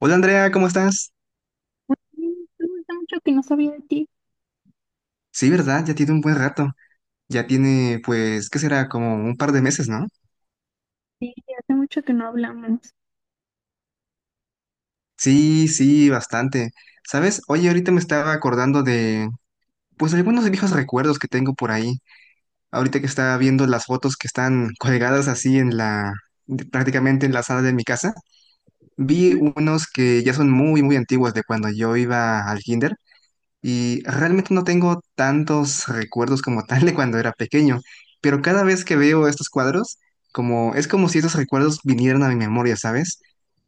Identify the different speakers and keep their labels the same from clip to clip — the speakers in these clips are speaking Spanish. Speaker 1: Hola Andrea, ¿cómo estás?
Speaker 2: Muy bien, tú. Hace mucho que no sabía de ti.
Speaker 1: Sí, ¿verdad? Ya tiene un buen rato. Ya tiene, pues, ¿qué será? Como un par de meses, ¿no?
Speaker 2: Sí, hace mucho que no hablamos.
Speaker 1: Sí, sí, bastante. ¿Sabes? Oye, ahorita me estaba acordando de, pues, algunos viejos recuerdos que tengo por ahí. Ahorita que estaba viendo las fotos que están colgadas así en la, prácticamente en la sala de mi casa, vi
Speaker 2: Ujú,
Speaker 1: unos que ya son muy, muy antiguos de cuando yo iba al kinder. Y realmente no tengo tantos recuerdos como tal de cuando era pequeño, pero cada vez que veo estos cuadros, como es como si esos recuerdos vinieran a mi memoria, ¿sabes?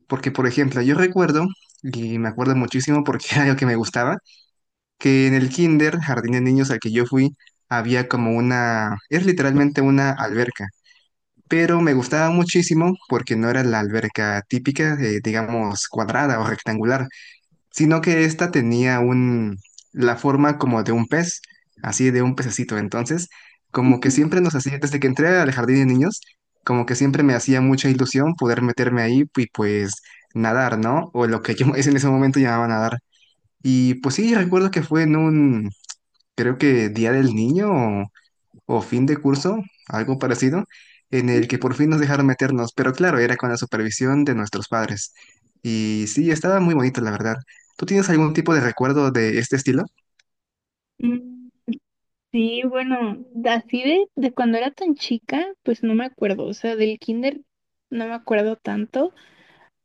Speaker 1: Porque, por ejemplo, yo recuerdo, y me acuerdo muchísimo porque era algo que me gustaba, que en el kinder, jardín de niños al que yo fui, había como una, es literalmente una alberca, pero me gustaba muchísimo porque no era la alberca típica, digamos, cuadrada o rectangular sino que esta tenía un, la forma como de un pez, así de un pececito. Entonces, como que
Speaker 2: ujú,
Speaker 1: siempre nos hacía, desde que entré al jardín de niños, como que siempre me hacía mucha ilusión poder meterme ahí y pues nadar, ¿no? O lo que yo en ese momento llamaba nadar. Y pues sí, recuerdo que fue en un, creo que Día del Niño o fin de curso, algo parecido, en
Speaker 2: ujú.
Speaker 1: el que por fin nos dejaron meternos, pero claro, era con la supervisión de nuestros padres. Y sí, estaba muy bonito, la verdad. ¿Tú tienes algún tipo de recuerdo de este estilo?
Speaker 2: Mm. Sí, bueno, así de cuando era tan chica, pues no me acuerdo. O sea, del kinder no me acuerdo tanto.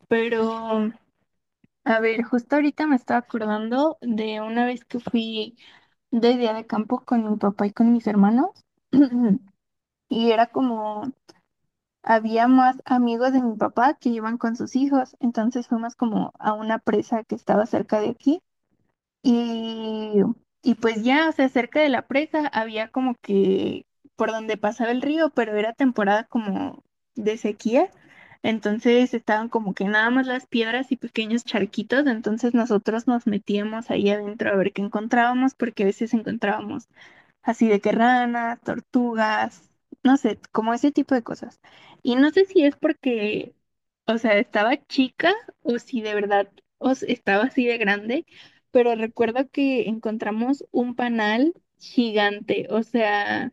Speaker 2: Pero, a ver, justo ahorita me estaba acordando de una vez que fui de día de campo con mi papá y con mis hermanos. Y era como había más amigos de mi papá que iban con sus hijos, entonces fuimos como a una presa que estaba cerca de aquí y, y pues ya, o sea, cerca de la presa había como que por donde pasaba el río, pero era temporada como de sequía, entonces estaban como que nada más las piedras y pequeños charquitos. Entonces nosotros nos metíamos ahí adentro a ver qué encontrábamos, porque a veces encontrábamos así de que ranas, tortugas, no sé, como ese tipo de cosas. Y no sé si es porque, o sea, estaba chica o si de verdad estaba así de grande, pero recuerdo que encontramos un panal gigante. O sea,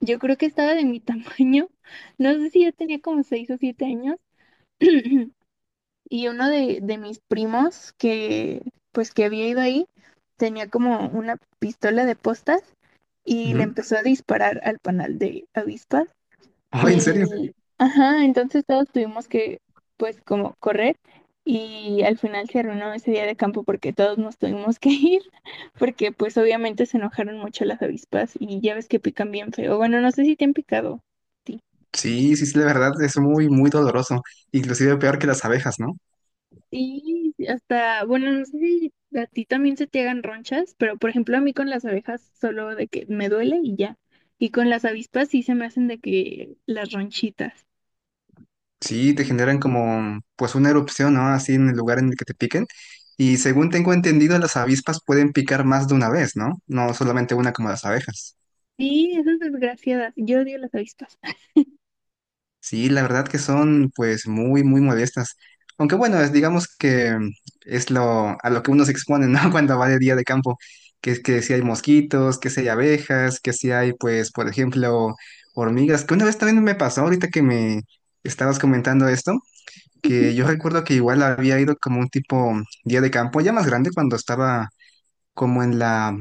Speaker 2: yo creo que estaba de mi tamaño, no sé si yo tenía como seis o siete años. Y uno de mis primos que, pues, que había ido ahí, tenía como una pistola de postas y le
Speaker 1: Ujú.
Speaker 2: empezó a disparar al panal de avispas.
Speaker 1: Ay, ¿en serio?
Speaker 2: Y, ajá, entonces todos tuvimos que, pues, como correr. Y al final se arruinó ese día de campo porque todos nos tuvimos que ir, porque pues obviamente se enojaron mucho las avispas y ya ves que pican bien feo. Bueno, no sé si te han picado. Sí.
Speaker 1: Sí, sí, sí, la verdad es muy, muy doloroso, inclusive peor que las abejas, ¿no?
Speaker 2: Sí, sí, hasta, bueno, no sé si a ti también se te hagan ronchas, pero por ejemplo a mí con las abejas solo de que me duele y ya. Y con las avispas sí se me hacen de que las ronchitas.
Speaker 1: Sí, te generan como, pues, una erupción, ¿no? Así en el lugar en el que te piquen. Y según tengo entendido, las avispas pueden picar más de una vez, ¿no? No solamente una como las abejas.
Speaker 2: Sí, esas desgraciadas. Yo odio las avispas.
Speaker 1: Sí, la verdad que son pues muy, muy modestas. Aunque bueno, es, digamos que es lo, a lo que uno se expone, ¿no? Cuando va de día de campo, que si hay mosquitos, que si hay abejas, que si hay pues, por ejemplo, hormigas, que una vez también me pasó, ahorita que me estabas comentando esto, que yo recuerdo que igual había ido como un tipo día de campo, ya más grande, cuando estaba como en la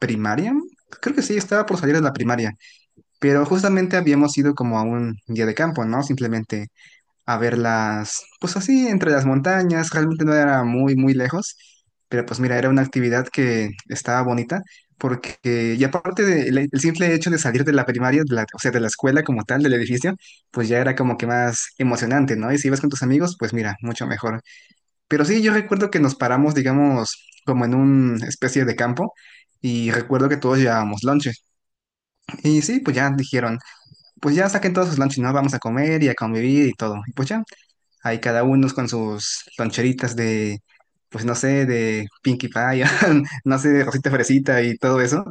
Speaker 1: primaria. Creo que sí, estaba por salir de la primaria, pero justamente habíamos ido como a un día de campo, ¿no? Simplemente a verlas, pues así, entre las montañas, realmente no era muy, muy lejos, pero pues mira, era una actividad que estaba bonita, porque, y aparte del el simple hecho de salir de la primaria, de la- o sea, de la escuela como tal, del edificio, pues ya era como que más emocionante, ¿no? Y si ibas con tus amigos, pues mira, mucho mejor. Pero sí, yo recuerdo que nos paramos, digamos, como en una especie de campo. Y recuerdo que todos llevábamos lonche. Y sí, pues ya dijeron, pues ya saquen todos sus lonches, ¿no? Vamos a comer y a convivir y todo. Y pues ya, ahí cada uno con sus loncheritas de, pues no sé, de Pinkie Pie, no sé, de Rosita Fresita y todo eso.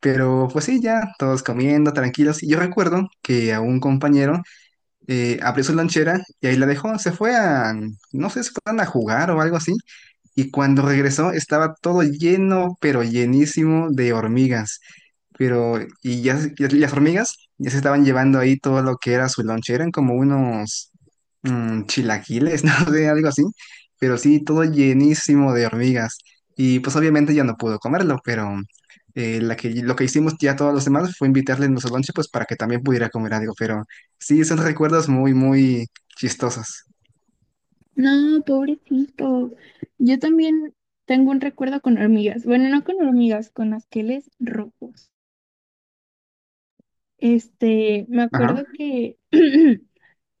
Speaker 1: Pero pues sí, ya, todos comiendo, tranquilos. Y yo recuerdo que a un compañero abrió su lonchera y ahí la dejó, se fue a, no sé, se fueron a jugar o algo así. Y cuando regresó estaba todo lleno, pero llenísimo de hormigas. Pero, y ya, se- y las hormigas ya se estaban llevando ahí todo lo que era su lonche, eran como unos chilaquiles, no sé, algo así, pero sí, todo llenísimo de hormigas. Y pues obviamente ya no pudo comerlo, pero la que, lo que hicimos ya todos los demás fue invitarle nuestro lonche pues para que también pudiera comer algo, pero sí, son recuerdos muy, muy chistosos.
Speaker 2: No, pobrecito. Yo también tengo un recuerdo con hormigas. Bueno, no con hormigas, con asqueles rojos. Me acuerdo
Speaker 1: Ajá,
Speaker 2: que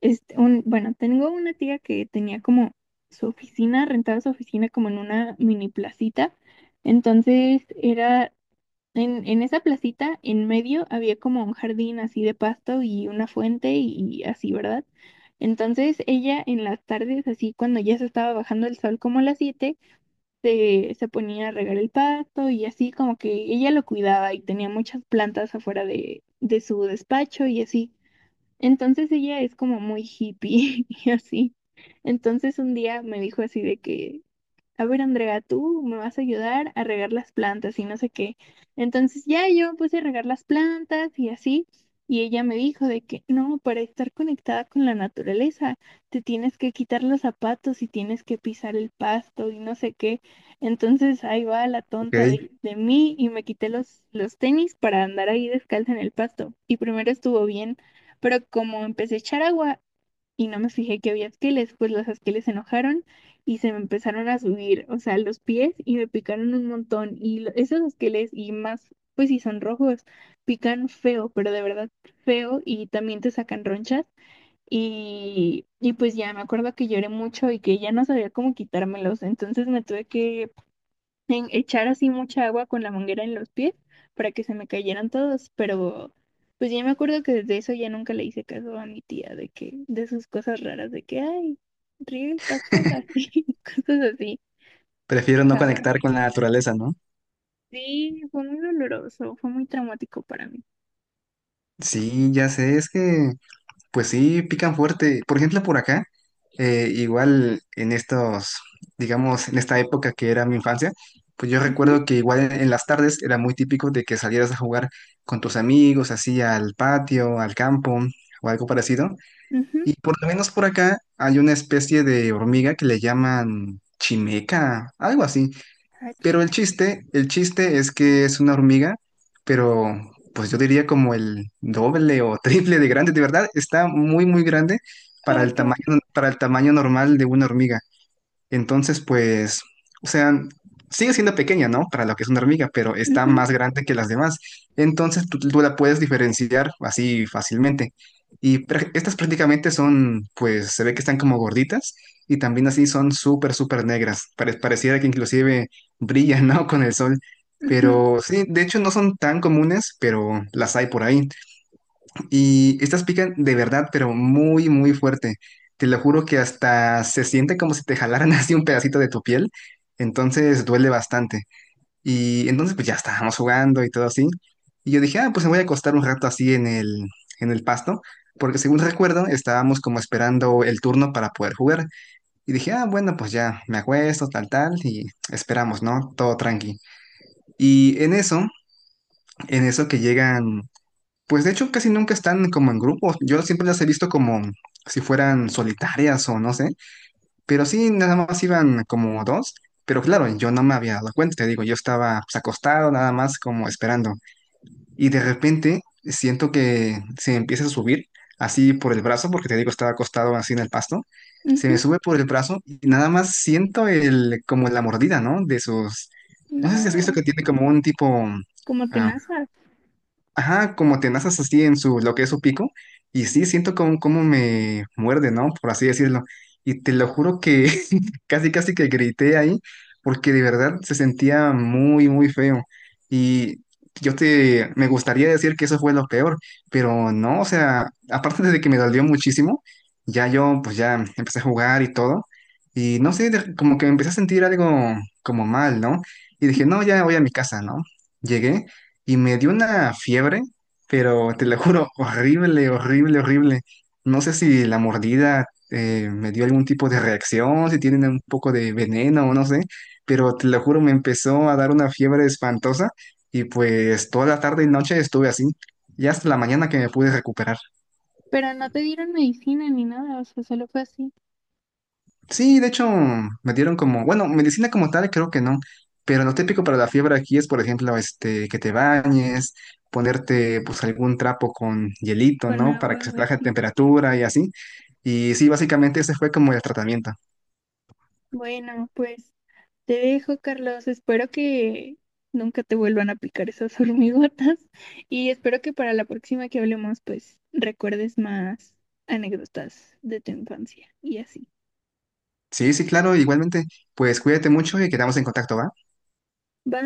Speaker 2: Bueno, tengo una tía que tenía como su oficina, rentaba su oficina como en una mini placita. Entonces era en esa placita, en medio había como un jardín así de pasto y una fuente y así, ¿verdad? Entonces ella en las tardes, así cuando ya se estaba bajando el sol como a las 7 se ponía a regar el pasto y así como que ella lo cuidaba y tenía muchas plantas afuera de su despacho y así. Entonces ella es como muy hippie y así. Entonces un día me dijo así de que, a ver, Andrea, tú me vas a ayudar a regar las plantas y no sé qué. Entonces ya yo me puse a regar las plantas y así, y ella me dijo de que no, para estar conectada con la naturaleza, te tienes que quitar los zapatos y tienes que pisar el pasto y no sé qué. Entonces ahí va la tonta
Speaker 1: ok.
Speaker 2: de mí y me quité los tenis para andar ahí descalza en el pasto. Y primero estuvo bien, pero como empecé a echar agua, y no me fijé que había esqueles, pues los esqueles se enojaron y se me empezaron a subir, o sea, los pies y me picaron un montón. Y esos esqueles y más, pues si son rojos, pican feo, pero de verdad feo, y también te sacan ronchas. Y pues ya me acuerdo que lloré mucho y que ya no sabía cómo quitármelos, entonces me tuve que en echar así mucha agua con la manguera en los pies para que se me cayeran todos. Pero pues ya me acuerdo que desde eso ya nunca le hice caso a mi tía de que, de sus cosas raras, de que, ay, riega el pasto así, cosas así,
Speaker 1: Prefiero no conectar
Speaker 2: jamás.
Speaker 1: con la naturaleza, ¿no?
Speaker 2: Sí, fue muy doloroso, fue muy traumático para mí.
Speaker 1: Sí, ya sé, es que pues sí, pican fuerte. Por ejemplo, por acá, igual en estos, digamos, en esta época que era mi infancia, pues yo
Speaker 2: Ujú,
Speaker 1: recuerdo que igual en las tardes era muy típico de que salieras a jugar con tus amigos, así al patio, al campo o algo parecido.
Speaker 2: ujú,
Speaker 1: Y por lo menos por acá hay una especie de hormiga que le llaman chimeca, algo así,
Speaker 2: ach,
Speaker 1: pero el chiste es que es una hormiga, pero pues yo diría como el doble o triple de grande, de verdad, está muy, muy grande para
Speaker 2: ah,
Speaker 1: el
Speaker 2: qué asco.
Speaker 1: tamaño, para el tamaño normal de una hormiga. Entonces, pues, o sea, sigue siendo pequeña, ¿no? Para lo que es una hormiga, pero está
Speaker 2: Ujú,
Speaker 1: más grande que las demás. Entonces, tú la puedes diferenciar así fácilmente. Y prá- estas prácticamente son, pues, se ve que están como gorditas y también así son súper, súper negras. Pare- pareciera que inclusive brillan, ¿no? Con el sol.
Speaker 2: ujú,
Speaker 1: Pero sí, de hecho no son tan comunes, pero las hay por ahí. Y estas pican de verdad, pero muy, muy fuerte. Te lo juro que hasta se siente como si te jalaran así un pedacito de tu piel. Entonces duele bastante. Y entonces pues ya estábamos jugando y todo así. Y yo dije, ah, pues me voy a acostar un rato así en el pasto. Porque según recuerdo, estábamos como esperando el turno para poder jugar. Y dije, ah, bueno, pues ya me acuesto, tal, tal. Y esperamos, ¿no? Todo tranqui. Y en eso, en eso que llegan pues de hecho casi nunca están como en grupos. Yo siempre las he visto como si fueran solitarias o no sé. Pero sí, nada más iban como dos. Pero claro, yo no me había dado cuenta, te digo, yo estaba pues, acostado nada más como esperando. Y de repente siento que se empieza a subir así por el brazo, porque te digo, estaba acostado así en el pasto. Se
Speaker 2: ujú.
Speaker 1: me sube por el brazo y nada más siento el, como la mordida, ¿no? De sus... No sé si has visto
Speaker 2: No,
Speaker 1: que tiene como un tipo,
Speaker 2: como
Speaker 1: ah,
Speaker 2: tenazas.
Speaker 1: ajá, como tenazas así en su, lo que es su pico. Y sí, siento como, como me muerde, ¿no? Por así decirlo. Y te lo juro que casi, casi que grité ahí, porque de verdad se sentía muy, muy feo. Y yo te, me gustaría decir que eso fue lo peor, pero no, o sea, aparte de que me dolió muchísimo, ya yo, pues ya empecé a jugar y todo. Y no sé, de- como que me empecé a sentir algo como mal, ¿no? Y dije, no, ya voy a mi casa, ¿no? Llegué y me dio una fiebre, pero te lo juro, horrible, horrible, horrible. No sé si la mordida me dio algún tipo de reacción, si tienen un poco de veneno o no sé, pero te lo juro, me empezó a dar una fiebre espantosa y pues toda la tarde y noche estuve así, y hasta la mañana que me pude recuperar.
Speaker 2: ¿Pero no te dieron medicina ni nada? O sea, ¿solo fue así,
Speaker 1: Sí, de hecho, me dieron como, bueno, medicina como tal, creo que no, pero lo típico para la fiebre aquí es, por ejemplo, este, que te bañes, ponerte pues algún trapo con hielito,
Speaker 2: con
Speaker 1: ¿no? Para
Speaker 2: agua
Speaker 1: que se
Speaker 2: o
Speaker 1: traje
Speaker 2: así?
Speaker 1: temperatura y así. Y sí, básicamente ese fue como el tratamiento.
Speaker 2: Bueno, pues te dejo, Carlos. Espero que nunca te vuelvan a picar esas hormigotas y espero que para la próxima que hablemos, pues recuerdes más anécdotas de tu infancia y así.
Speaker 1: Sí, sí, claro, igualmente, pues cuídate mucho y quedamos en contacto, ¿va?
Speaker 2: ¿Va?